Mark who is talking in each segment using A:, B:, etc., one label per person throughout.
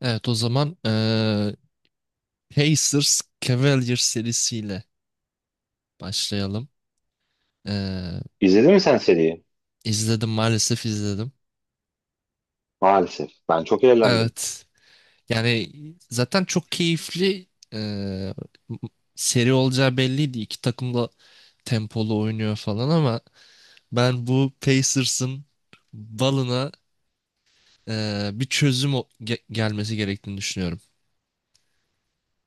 A: Evet, o zaman Pacers Cavaliers serisiyle başlayalım. Eee
B: İzledin mi sen seriyi?
A: izledim maalesef izledim.
B: Maalesef. Ben çok eğlendim.
A: Evet, yani zaten çok keyifli eee, seri olacağı belliydi. İki takım da tempolu oynuyor falan ama ben bu Pacers'ın balına bir çözüm gelmesi gerektiğini düşünüyorum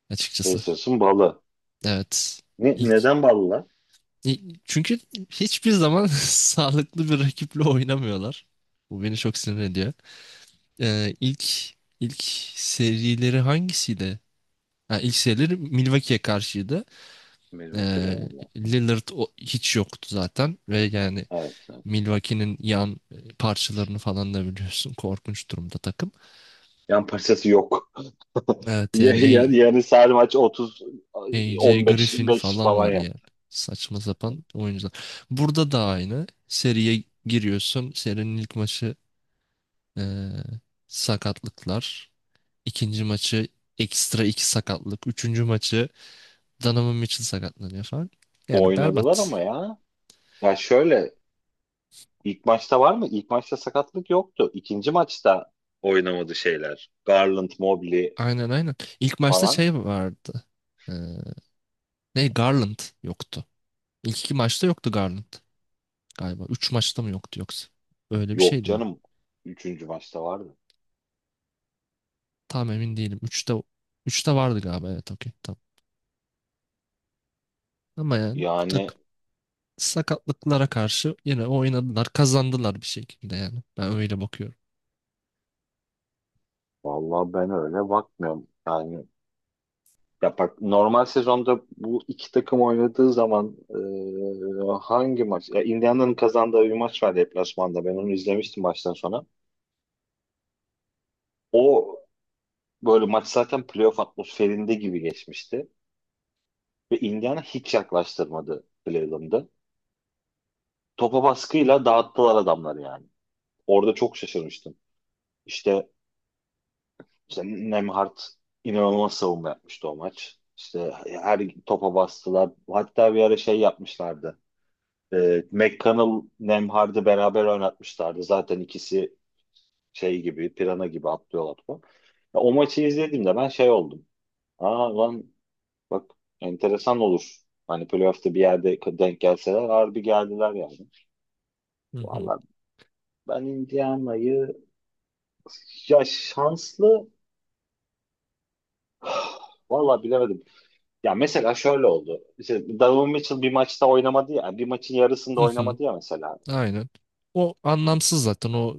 A: açıkçası.
B: Pacers'ın balı.
A: Evet.
B: Ne,
A: İlk
B: neden balı lan?
A: E, çünkü hiçbir zaman sağlıklı bir rakiple oynamıyorlar. Bu beni çok sinir ediyor. İlk ilk serileri hangisiydi? Ha, ilk serileri Milwaukee'ye karşıydı.
B: Milwaukee
A: Ee,
B: Bucks'la.
A: Lillard hiç yoktu zaten ve yani
B: Evet. Evet.
A: Milwaukee'nin yan parçalarını falan da biliyorsun. Korkunç durumda takım.
B: Yan parçası yok.
A: Evet, yani
B: Yani sadece maç 30
A: AJ
B: 15
A: Griffin
B: 5
A: falan
B: falan
A: var yani.
B: yaptı.
A: Saçma sapan oyuncular. Burada da aynı. Seriye giriyorsun. Serinin ilk maçı, Ee, sakatlıklar. İkinci maçı ekstra iki sakatlık. Üçüncü maçı Donovan Mitchell sakatlanıyor falan. Yani
B: Oynadılar ama
A: berbat.
B: ya. Ya şöyle, ilk maçta var mı? İlk maçta sakatlık yoktu. İkinci maçta oynamadı şeyler. Garland, Mobley
A: Aynen, aynen. İlk maçta
B: falan.
A: şey vardı. Ee, ne Garland yoktu. İlk iki maçta yoktu Garland galiba. Üç maçta mı yoktu yoksa? Öyle bir
B: Yok
A: şeydi yani.
B: canım. Üçüncü maçta vardı.
A: Tam emin değilim. Üçte vardı galiba, evet, okey, tamam. Ama yani bu
B: Yani
A: takım sakatlıklara karşı yine oynadılar, kazandılar bir şekilde yani. Ben öyle bakıyorum.
B: vallahi ben öyle bakmıyorum. Yani, ya bak normal sezonda bu iki takım oynadığı zaman, hangi maç? Ya Indiana'nın kazandığı bir maç var deplasmanda. Ben onu izlemiştim baştan sona. O böyle maç zaten playoff atmosferinde gibi geçmişti. Ve Indiana hiç yaklaştırmadı Cleveland'ı. Topa baskıyla dağıttılar adamları yani. Orada çok şaşırmıştım. İşte, işte Nembhard inanılmaz savunma yapmıştı o maç. İşte her topa bastılar. Hatta bir ara şey yapmışlardı. McConnell, Nemhard'ı beraber oynatmışlardı. Zaten ikisi şey gibi, pirana gibi atlıyorlar falan. Ya, o maçı izlediğimde ben şey oldum. Aa lan, bak, enteresan olur. Hani playoff'ta bir yerde denk gelseler harbi geldiler yani.
A: Hı hı.
B: Valla, ben Indiana'yı ya şanslı valla bilemedim. Ya mesela şöyle oldu. İşte Donovan Mitchell bir maçta oynamadı ya. Bir maçın yarısında
A: Hı hı.
B: oynamadı ya mesela.
A: Aynen. O anlamsız zaten. O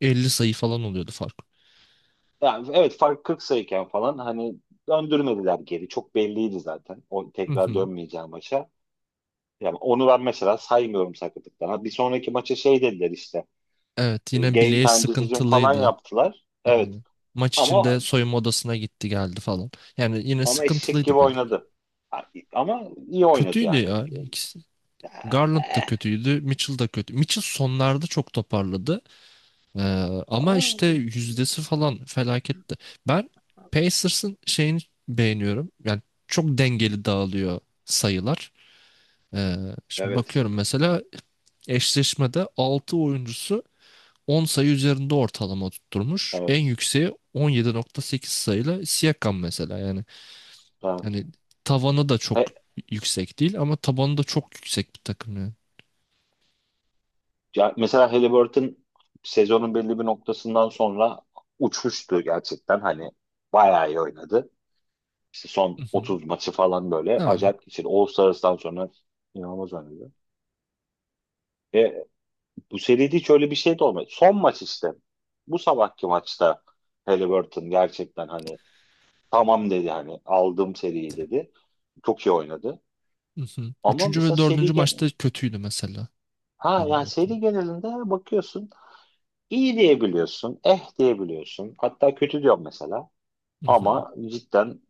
A: 50 sayı falan oluyordu fark.
B: Yani evet, fark 40 sayıken falan hani döndürmediler geri. Çok belliydi zaten. O
A: Hı
B: tekrar
A: hı.
B: dönmeyeceğim maça. Yani onu ben mesela saymıyorum sakatlıktan. Ha, bir sonraki maça şey dediler işte.
A: Evet, yine
B: Game
A: bileği
B: time decision falan
A: sıkıntılıydı.
B: yaptılar. Evet.
A: Aynen. Maç
B: Ama
A: içinde soyunma odasına gitti, geldi falan. Yani yine
B: ama eşek gibi
A: sıkıntılıydı belli ki.
B: oynadı. Ha, ama iyi oynadı
A: Kötüydü
B: yani.
A: ya ikisi. Garland da kötüydü. Mitchell da kötü. Mitchell sonlarda çok toparladı. Ee, Ama
B: Ama
A: işte yüzdesi falan felaketti. Ben Pacers'ın şeyini beğeniyorum. Yani çok dengeli dağılıyor sayılar. Ee, Şimdi
B: evet.
A: bakıyorum mesela, eşleşmede 6 oyuncusu 10 sayı üzerinde ortalama tutturmuş. En
B: Evet.
A: yükseği 17.8 sayıyla Siakam mesela yani.
B: Evet.
A: Yani tavanı da çok
B: He-
A: yüksek değil ama tabanı da çok yüksek bir takım yani.
B: ya mesela Halliburton sezonun belli bir noktasından sonra uçmuştu gerçekten. Hani bayağı iyi oynadı. İşte
A: Hı
B: son
A: hı.
B: 30 maçı falan böyle
A: Aynen.
B: acayip geçirdi. All-Stars'tan sonra inanılmaz oynadı. Ve bu seride hiç öyle bir şey de olmadı. Son maç işte. Bu sabahki maçta Halliburton gerçekten hani tamam dedi, hani aldım seriyi dedi. Çok iyi oynadı.
A: Hı hı.
B: Ama
A: Üçüncü ve
B: mesela
A: dördüncü
B: seri
A: maçta
B: gen
A: kötüydü mesela.
B: ha,
A: Yani
B: yani
A: böyle.
B: seri genelinde bakıyorsun, iyi diyebiliyorsun, eh diyebiliyorsun. Hatta kötü diyorum mesela.
A: Hı hı.
B: Ama cidden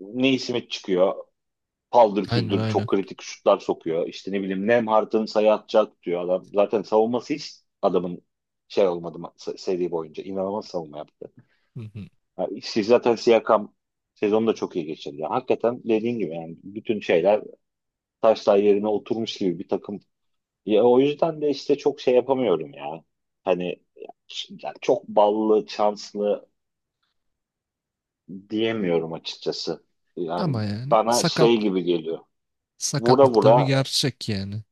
B: Neesmith çıkıyor, paldır
A: Aynen,
B: küldür
A: aynen.
B: çok kritik şutlar sokuyor. İşte ne bileyim, Nemhart'ın sayı atacak diyor adam. Zaten savunması hiç adamın şey olmadı seri boyunca. İnanılmaz savunma yaptı.
A: Hı hı.
B: Yani siz zaten Siakam sezonu da çok iyi geçirdi. Yani hakikaten dediğin gibi yani bütün şeyler taşlar yerine oturmuş gibi bir takım. Ya o yüzden de işte çok şey yapamıyorum ya. Hani yani çok ballı, şanslı diyemiyorum açıkçası. Yani
A: Ama yani
B: bana şey gibi geliyor. Vura
A: sakatlık da bir
B: vura,
A: gerçek yani.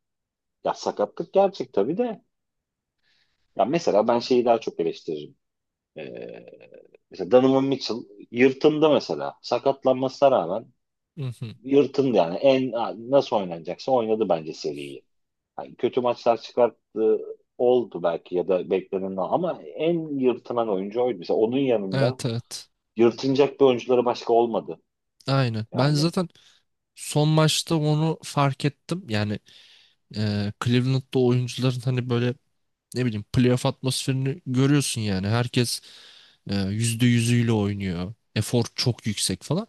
B: ya sakatlık gerçek tabii de. Ya mesela ben şeyi daha çok eleştiririm. Ee, mesela Donovan Mitchell yırtındı mesela. Sakatlanmasına rağmen
A: Hı hı.
B: yırtındı yani. En nasıl oynanacaksa oynadı bence seriyi. Yani kötü maçlar çıkarttı, oldu belki ya da beklenen, ama en yırtılan oyuncu oydu. Mesela onun yanında
A: Evet, evet.
B: yırtınacak bir oyuncuları başka olmadı.
A: Aynen. Ben
B: Yani
A: zaten son maçta onu fark ettim. Yani Cleveland'da oyuncuların hani böyle ne bileyim playoff atmosferini görüyorsun yani. Herkes %100'üyle oynuyor. Efor çok yüksek falan.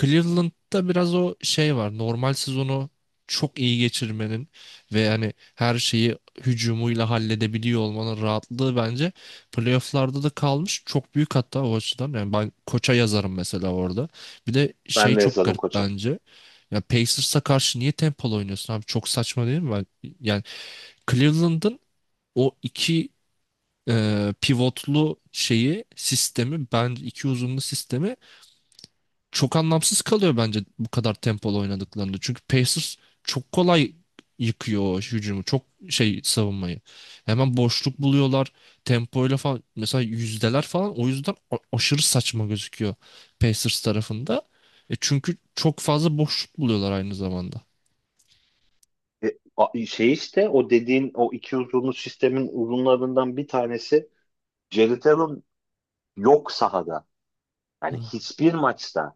A: Cleveland'da biraz o şey var. Normal sezonu çok iyi geçirmenin ve yani her şeyi hücumuyla halledebiliyor olmanın rahatlığı bence playoff'larda da kalmış. Çok büyük hatta o açıdan. Yani ben koça yazarım mesela orada. Bir de şey
B: ben de
A: çok
B: yazarım
A: garip
B: koça.
A: bence. Ya Pacers'a karşı niye tempolu oynuyorsun abi? Çok saçma değil mi? Yani Cleveland'ın o iki pivotlu şeyi sistemi, ben iki uzunlu sistemi çok anlamsız kalıyor bence bu kadar tempolu oynadıklarında. Çünkü Pacers çok kolay yıkıyor o hücumu. Çok şey savunmayı. Hemen boşluk buluyorlar. Tempoyla falan mesela yüzdeler falan o yüzden aşırı saçma gözüküyor Pacers tarafında. E, çünkü çok fazla boşluk buluyorlar aynı zamanda.
B: E, şey işte o dediğin o iki uzunlu sistemin uzunlarından bir tanesi Jared Allen yok sahada. Yani
A: Hı.
B: hiçbir maçta,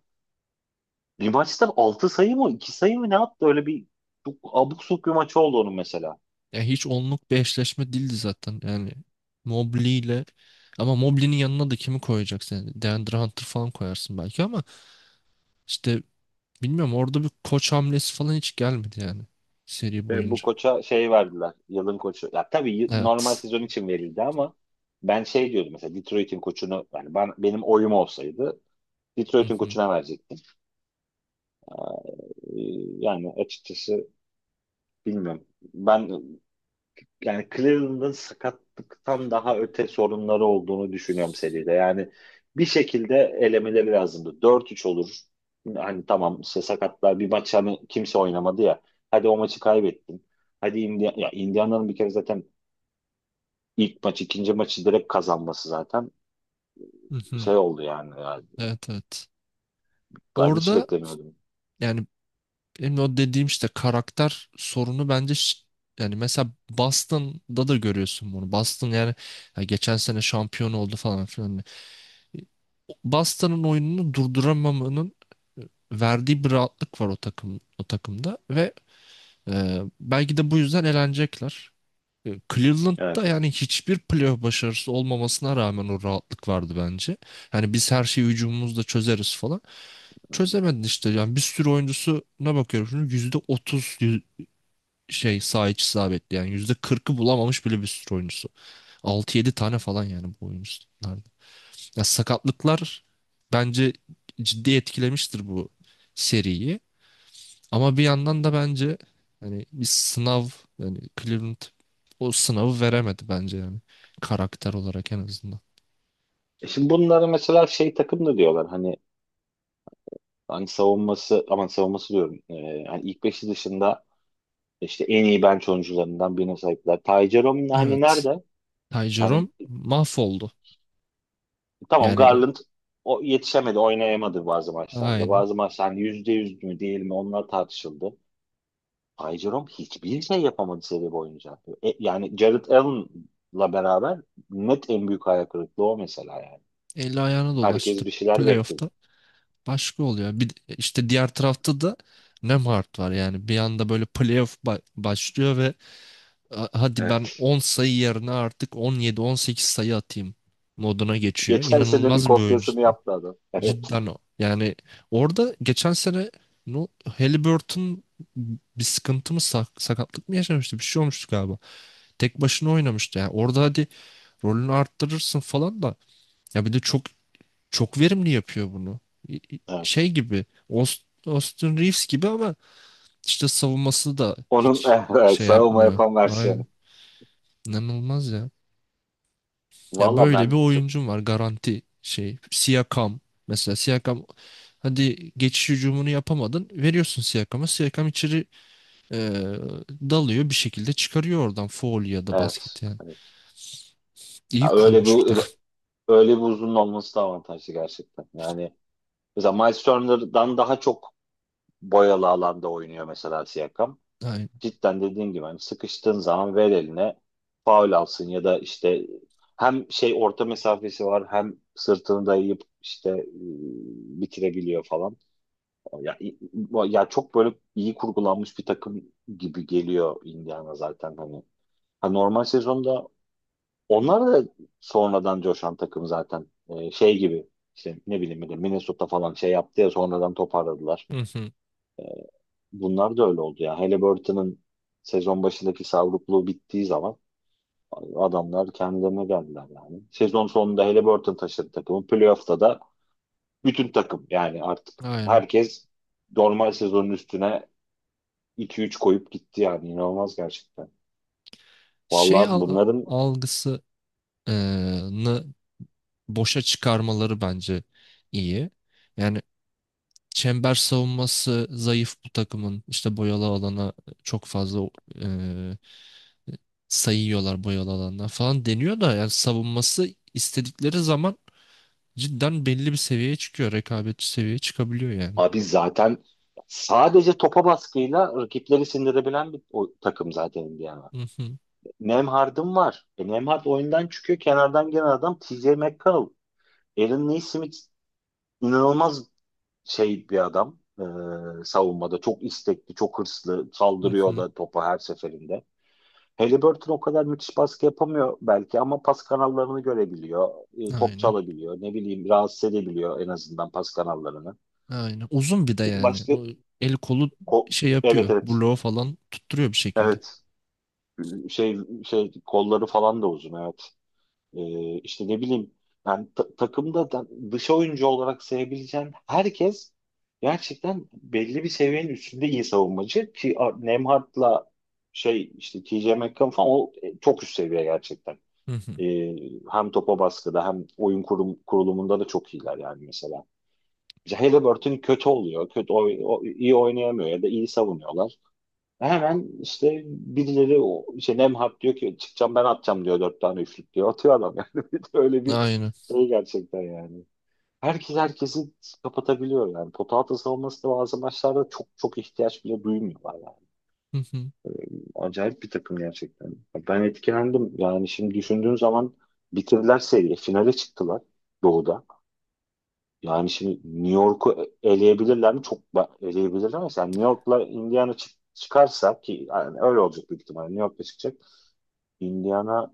B: bir maçta 6 sayı mı 2 sayı mı ne attı, öyle bir çok abuk subuk bir maç oldu onun mesela.
A: Ya hiç onluk bir eşleşme değildi zaten. Yani Mobley ile, ama Mobley'nin yanına da kimi koyacaksın? Yani DeAndre Hunter falan koyarsın belki ama işte bilmiyorum, orada bir koç hamlesi falan hiç gelmedi yani seri
B: Ve bu
A: boyunca.
B: koça şey verdiler. Yılın koçu. Ya tabii normal
A: Evet.
B: sezon için verildi ama ben şey diyordum mesela Detroit'in koçunu, yani benim oyum olsaydı
A: Hı
B: Detroit'in
A: hı.
B: koçuna verecektim. Ee, yani açıkçası bilmiyorum. Ben yani Cleveland'ın sakatlıktan daha öte sorunları olduğunu düşünüyorum seride. Yani bir şekilde elemeleri lazımdı. 4-3 olur. Hani tamam, işte sakatlar, bir maç hani kimse oynamadı ya, hadi o maçı kaybettin. Hadi ya Indiana'nın bir kere zaten ilk maç ikinci maçı direkt kazanması zaten
A: Hı hı.
B: şey oldu yani. Yani
A: Evet, evet.
B: ben hiç
A: Orada
B: beklemiyordum.
A: yani benim o dediğim işte karakter sorunu bence, yani mesela Boston'da da görüyorsun bunu. Boston yani ya geçen sene şampiyon oldu falan filan. Boston'ın oyununu durduramamanın e, verdiği bir rahatlık var o takımda ve belki de bu yüzden elenecekler. Cleveland'da
B: Evet.
A: yani hiçbir playoff başarısı olmamasına rağmen o rahatlık vardı bence. Yani biz her şeyi hücumumuzla çözeriz falan. Çözemedin işte. Yani bir sürü oyuncusuna bakıyorum şimdi %30 şey, sağ iç isabetli yani %40'ı bulamamış bile bir sürü oyuncusu. Altı yedi tane falan yani bu oyuncularda. Ya sakatlıklar bence ciddi etkilemiştir bu seriyi. Ama bir yandan da bence hani bir sınav, yani Cleveland o sınavı veremedi bence yani karakter olarak en azından.
B: E şimdi bunları mesela şey takım da diyorlar hani savunması, aman savunması diyorum. Yani ilk beşi dışında İşte en iyi bench oyuncularından birine sahipler. Ty Jerome hani
A: Evet.
B: nerede?
A: Ty Jerome
B: Hani
A: mahvoldu.
B: tamam,
A: Yani o
B: Garland o yetişemedi, oynayamadı bazı maçlarda.
A: aynı.
B: Bazı maçlar hani yüzde yüz mü değil mi onlar tartışıldı. Ty Jerome hiçbir şey yapamadı seri boyunca. Yani Jared Allen'la beraber net en büyük hayal kırıklığı o mesela yani.
A: Eli ayağına dolaştı
B: Herkes bir şeyler bekledi.
A: playoff'ta. Başka oluyor. İşte diğer tarafta da Nemhard var. Yani bir anda böyle playoff başlıyor ve Hadi ben
B: Evet.
A: 10 sayı yerine artık 17-18 sayı atayım" moduna geçiyor.
B: Geçen senenin
A: İnanılmaz bir oyuncu.
B: kopyasını yaptı adam. Evet.
A: Cidden o. Yani orada geçen sene, no, Haliburton bir sıkıntı mı sakatlık mı yaşamıştı? Bir şey olmuştu galiba. Tek başına oynamıştı. Yani orada hadi rolünü arttırırsın falan da ya bir de çok çok verimli yapıyor bunu. Şey
B: Evet.
A: gibi, Austin Reeves gibi ama işte savunması da
B: Onun
A: hiç
B: evet,
A: şey
B: savunma
A: yapmıyor.
B: yapan versiyonu.
A: Aynen. İnanılmaz ya. Ya
B: Valla
A: böyle bir
B: ben çok-
A: oyuncum var garanti şey. Siakam mesela, Siakam, hadi geçiş hücumunu yapamadın. Veriyorsun Siakam'a. Siakam içeri e, dalıyor, bir şekilde çıkarıyor oradan faul ya da
B: evet.
A: basketi yani.
B: Evet.
A: İyi
B: Ya öyle
A: kurulmuş bir
B: bir
A: takım.
B: öyle bir uzun olması da avantajlı gerçekten. Yani mesela Miles Turner'dan daha çok boyalı alanda oynuyor mesela Siakam.
A: Aynen.
B: Cidden dediğin gibi, hani sıkıştığın zaman ver eline, faul alsın ya da işte hem şey orta mesafesi var hem sırtını dayayıp işte bitirebiliyor falan. Ya, i- ya çok böyle iyi kurgulanmış bir takım gibi geliyor Indiana zaten hani. Ha, normal sezonda onlar da sonradan coşan takım zaten. Şey gibi işte ne bileyim bir de Minnesota falan şey yaptı ya sonradan toparladılar.
A: Hı hı.
B: Bunlar da öyle oldu ya. Halliburton'ın sezon başındaki savrukluğu bittiği zaman adamlar kendilerine geldiler yani. Sezon sonunda Halliburton taşıdı takımı. Playoff'ta da bütün takım yani artık
A: Aynen.
B: herkes normal sezonun üstüne iki üç koyup gitti yani. İnanılmaz gerçekten.
A: Şey
B: Vallahi bunların
A: algısını boşa çıkarmaları bence iyi. Yani çember savunması zayıf bu takımın. İşte boyalı alana çok fazla e, sayıyorlar, boyalı alandan falan deniyor da yani savunması istedikleri zaman cidden belli bir seviyeye çıkıyor. Rekabetçi seviyeye çıkabiliyor yani.
B: Abi zaten sadece topa baskıyla rakipleri sindirebilen bir o takım zaten Indiana.
A: Hı hı,
B: Nemhard'ın var. Nemhard oyundan çıkıyor. Kenardan gelen adam TJ McConnell. Aaron Neesmith inanılmaz şey bir adam. Savunmada çok istekli, çok hırslı.
A: hı
B: Saldırıyor
A: hı.
B: da topa her seferinde. Haliburton o kadar müthiş baskı yapamıyor belki ama pas kanallarını görebiliyor. Top
A: Aynen.
B: çalabiliyor. Ne bileyim, rahatsız edebiliyor en azından pas kanallarını.
A: Aynen. Uzun bir de yani.
B: Başka...
A: O el kolu
B: ko-
A: şey
B: evet
A: yapıyor.
B: evet.
A: Bloğu falan tutturuyor bir şekilde.
B: Evet. Şey şey kolları falan da uzun, evet. İşte ne bileyim yani takımda da dış oyuncu olarak sayabileceğin herkes gerçekten belli bir seviyenin üstünde iyi savunmacı, ki Nemhard'la şey işte TJ McConnell falan o çok üst seviye gerçekten.
A: Hı hı.
B: Ee, hem topa baskıda hem oyun kurulumunda da çok iyiler yani mesela. İşte Halliburton kötü oluyor. İyi oynayamıyor ya da iyi savunuyorlar. Hemen işte birileri, o işte Nemhat, diyor ki çıkacağım ben atacağım, diyor dört tane üçlük, diyor. Atıyor adam yani. Bir de öyle bir
A: Aynen.
B: şey gerçekten yani. Herkes herkesi kapatabiliyor yani. Pota altı savunması da bazı maçlarda çok çok ihtiyaç bile duymuyorlar yani.
A: Hı hı,
B: Acayip bir takım gerçekten. Ben etkilendim. Yani şimdi düşündüğün zaman bitirdiler seriyi. Finale çıktılar Doğu'da. Yani şimdi New York'u eleyebilirler mi? Eleyebilirler ama yani New York'la Indiana çıkarsa, ki yani öyle olacak büyük ihtimalle, New York'la çıkacak Indiana,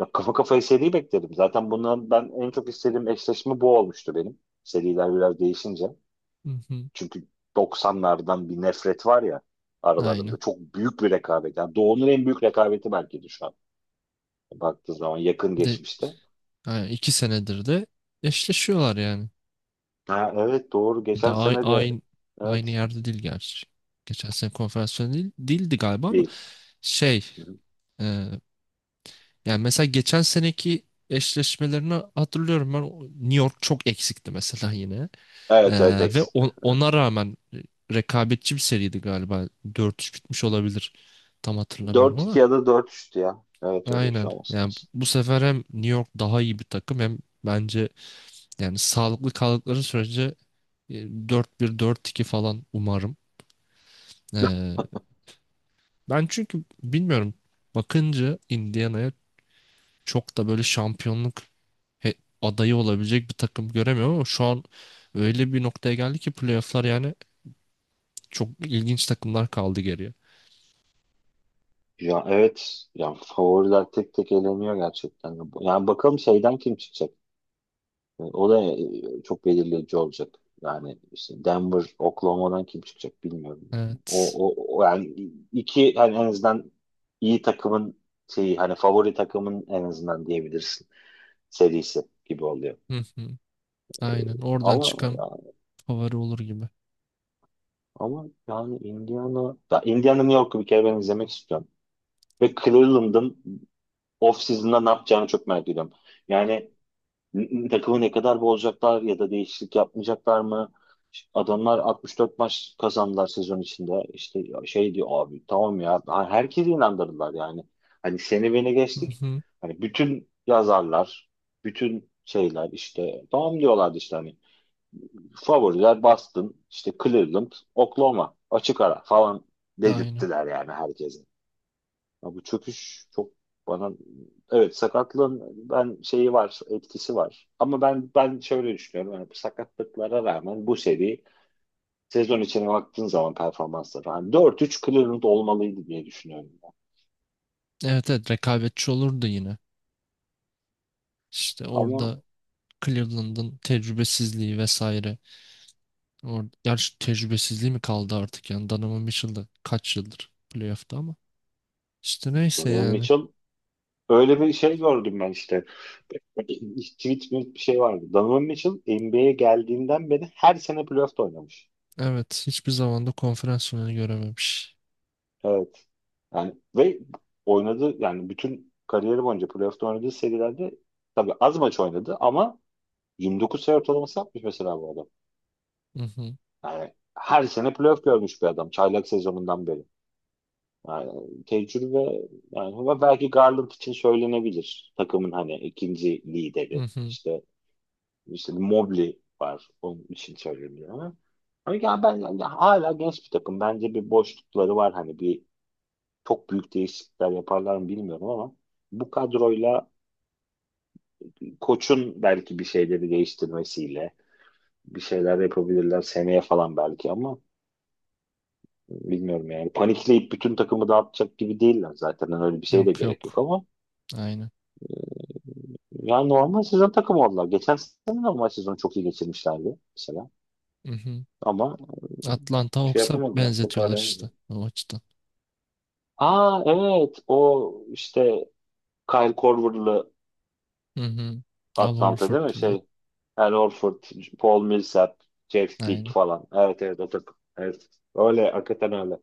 B: ya kafa kafaya seri beklerim. Zaten bundan ben en çok istediğim eşleşme bu olmuştu benim. Seriler biraz değişince.
A: hı hı.
B: Çünkü doksanlardan bir nefret var ya
A: Aynen.
B: aralarında. Çok büyük bir rekabet. Yani Doğu'nun en büyük rekabeti belki de şu an. Baktığın zaman yakın
A: De
B: geçmişte.
A: Yani 2 senedir de eşleşiyorlar yani.
B: Ha evet, doğru.
A: Bir de
B: Geçen
A: ay-
B: sene de
A: aynı aynı
B: evet
A: yerde değil gerçi. Geçen sene konferansiyon değil, değildi galiba ama
B: değil.
A: şey
B: Hı-hı.
A: e, yani mesela geçen seneki eşleşmelerini hatırlıyorum ben, New York çok eksikti mesela yine.
B: Evet evet,
A: E, Ve
B: eksikti.
A: ona rağmen rekabetçi bir seriydi galiba. 4-3 bitmiş olabilir. Tam hatırlamıyorum
B: 4-2
A: ama
B: ya da dört 3tü ya. Evet, öyle bir
A: aynen.
B: şey olması
A: Yani
B: lazım.
A: bu sefer hem New York daha iyi bir takım hem bence, yani sağlıklı kaldıkları sürece e, 4-1, 4-2 falan umarım. Ee, Ben çünkü bilmiyorum, bakınca Indiana'ya çok da böyle şampiyonluk he- adayı olabilecek bir takım göremiyorum ama şu an öyle bir noktaya geldi ki playoff'lar yani çok ilginç takımlar kaldı geriye.
B: Ya evet, ya favoriler tek tek eleniyor gerçekten. Yani bakalım şeyden kim çıkacak? O da çok belirleyici olacak. Yani işte Denver, Oklahoma'dan kim çıkacak bilmiyorum.
A: Evet.
B: O yani iki hani en azından iyi takımın şeyi, hani favori takımın en azından diyebilirsin, serisi gibi oluyor.
A: Hı hı. Aynen. Oradan
B: Ama
A: çıkan
B: ya-
A: favori olur gibi.
B: ama yani Indiana New York'u bir kere ben izlemek istiyorum. Ve Cleveland'ın off season'da ne yapacağını çok merak ediyorum. Yani takımı ne kadar bozacaklar ya da değişiklik yapmayacaklar mı? Adamlar 64 maç kazandılar sezon içinde. İşte şey diyor, abi tamam ya, herkesi inandırdılar yani. Hani seni beni
A: Hı
B: geçtik.
A: hı.
B: Hani bütün yazarlar, bütün şeyler işte tamam diyorlardı, işte hani favoriler Boston, işte Cleveland, Oklahoma açık ara falan
A: Aynen.
B: dedirttiler yani herkese. Ya bu çöküş çok, bana evet sakatlığın ben şeyi var etkisi var. Ama ben şöyle düşünüyorum yani bu sakatlıklara rağmen bu seri sezon içine baktığın zaman performansları hani 4-3 Cleveland olmalıydı diye düşünüyorum, ben.
A: Evet, evet, rekabetçi olurdu yine. İşte
B: Ama
A: orada Cleveland'ın tecrübesizliği vesaire. Gerçi tecrübesizliği mi kaldı artık yani Donovan Mitchell da kaç yıldır playoff'ta ama. İşte neyse
B: Donovan
A: yani.
B: Mitchell, öyle bir şey gördüm ben işte. Tweet mi bir şey vardı. Donovan Mitchell NBA'ye geldiğinden beri her sene playoff'ta oynamış.
A: Evet, hiçbir zaman da konferans finali görememiş.
B: Evet. Yani ve oynadı yani bütün kariyeri boyunca playoff'ta oynadığı serilerde, tabii az maç oynadı ama, 29 sayı ortalaması yapmış mesela bu adam.
A: Hı hı,
B: Yani her sene playoff görmüş bir adam çaylak sezonundan beri. Yani tecrübe yani, ama belki Garland için söylenebilir. Takımın hani ikinci
A: hı
B: lideri.
A: hı.
B: İşte Mobley var. Onun için söyleniyor ama. Ama yani ben yani hala genç bir takım. Bence bir boşlukları var hani bir, çok büyük değişiklikler yaparlar mı bilmiyorum ama bu kadroyla koçun belki bir şeyleri değiştirmesiyle bir şeyler yapabilirler seneye falan belki ama bilmiyorum yani. Panikleyip bütün takımı dağıtacak gibi değiller zaten. Yani öyle bir şeye de
A: Yok,
B: gerek yok
A: yok.
B: ama
A: Aynen.
B: yani normal sezon takımı oldular. Geçen sene normal sezonu çok iyi geçirmişlerdi mesela.
A: Hı hı.
B: Ama
A: Atlanta
B: şey
A: Hawks'a
B: yapamadılar,
A: benzetiyorlar
B: toparlayamadılar.
A: işte o açıdan.
B: Aa evet, o işte Kyle Korver'lı
A: Hı hı. Al
B: Atlanta değil mi?
A: Horford'la.
B: Şey, Al Horford, Paul Millsap, Jeff Teague
A: Aynen.
B: falan. Evet evet, o takım. Evet. Öyle, hakikaten öyle.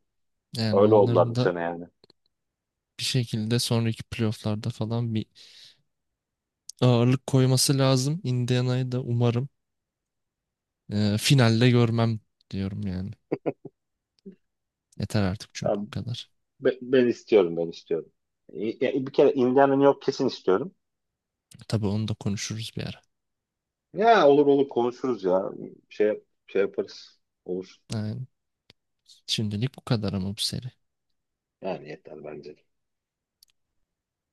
A: Yani
B: Öyle oldular
A: onların
B: bu
A: da
B: sene yani.
A: bir şekilde sonraki playoff'larda falan bir ağırlık koyması lazım. Indiana'yı da umarım finalde görmem diyorum yani. Yeter artık çünkü bu
B: Ben,
A: kadar.
B: ben istiyorum, ben istiyorum. Ya bir kere Indiana New York kesin istiyorum.
A: Tabii onu da konuşuruz bir ara.
B: Ya olur olur, konuşuruz ya. Şey yaparız. Olur.
A: Yani şimdilik bu kadar ama bu seri.
B: Yani yeter bence.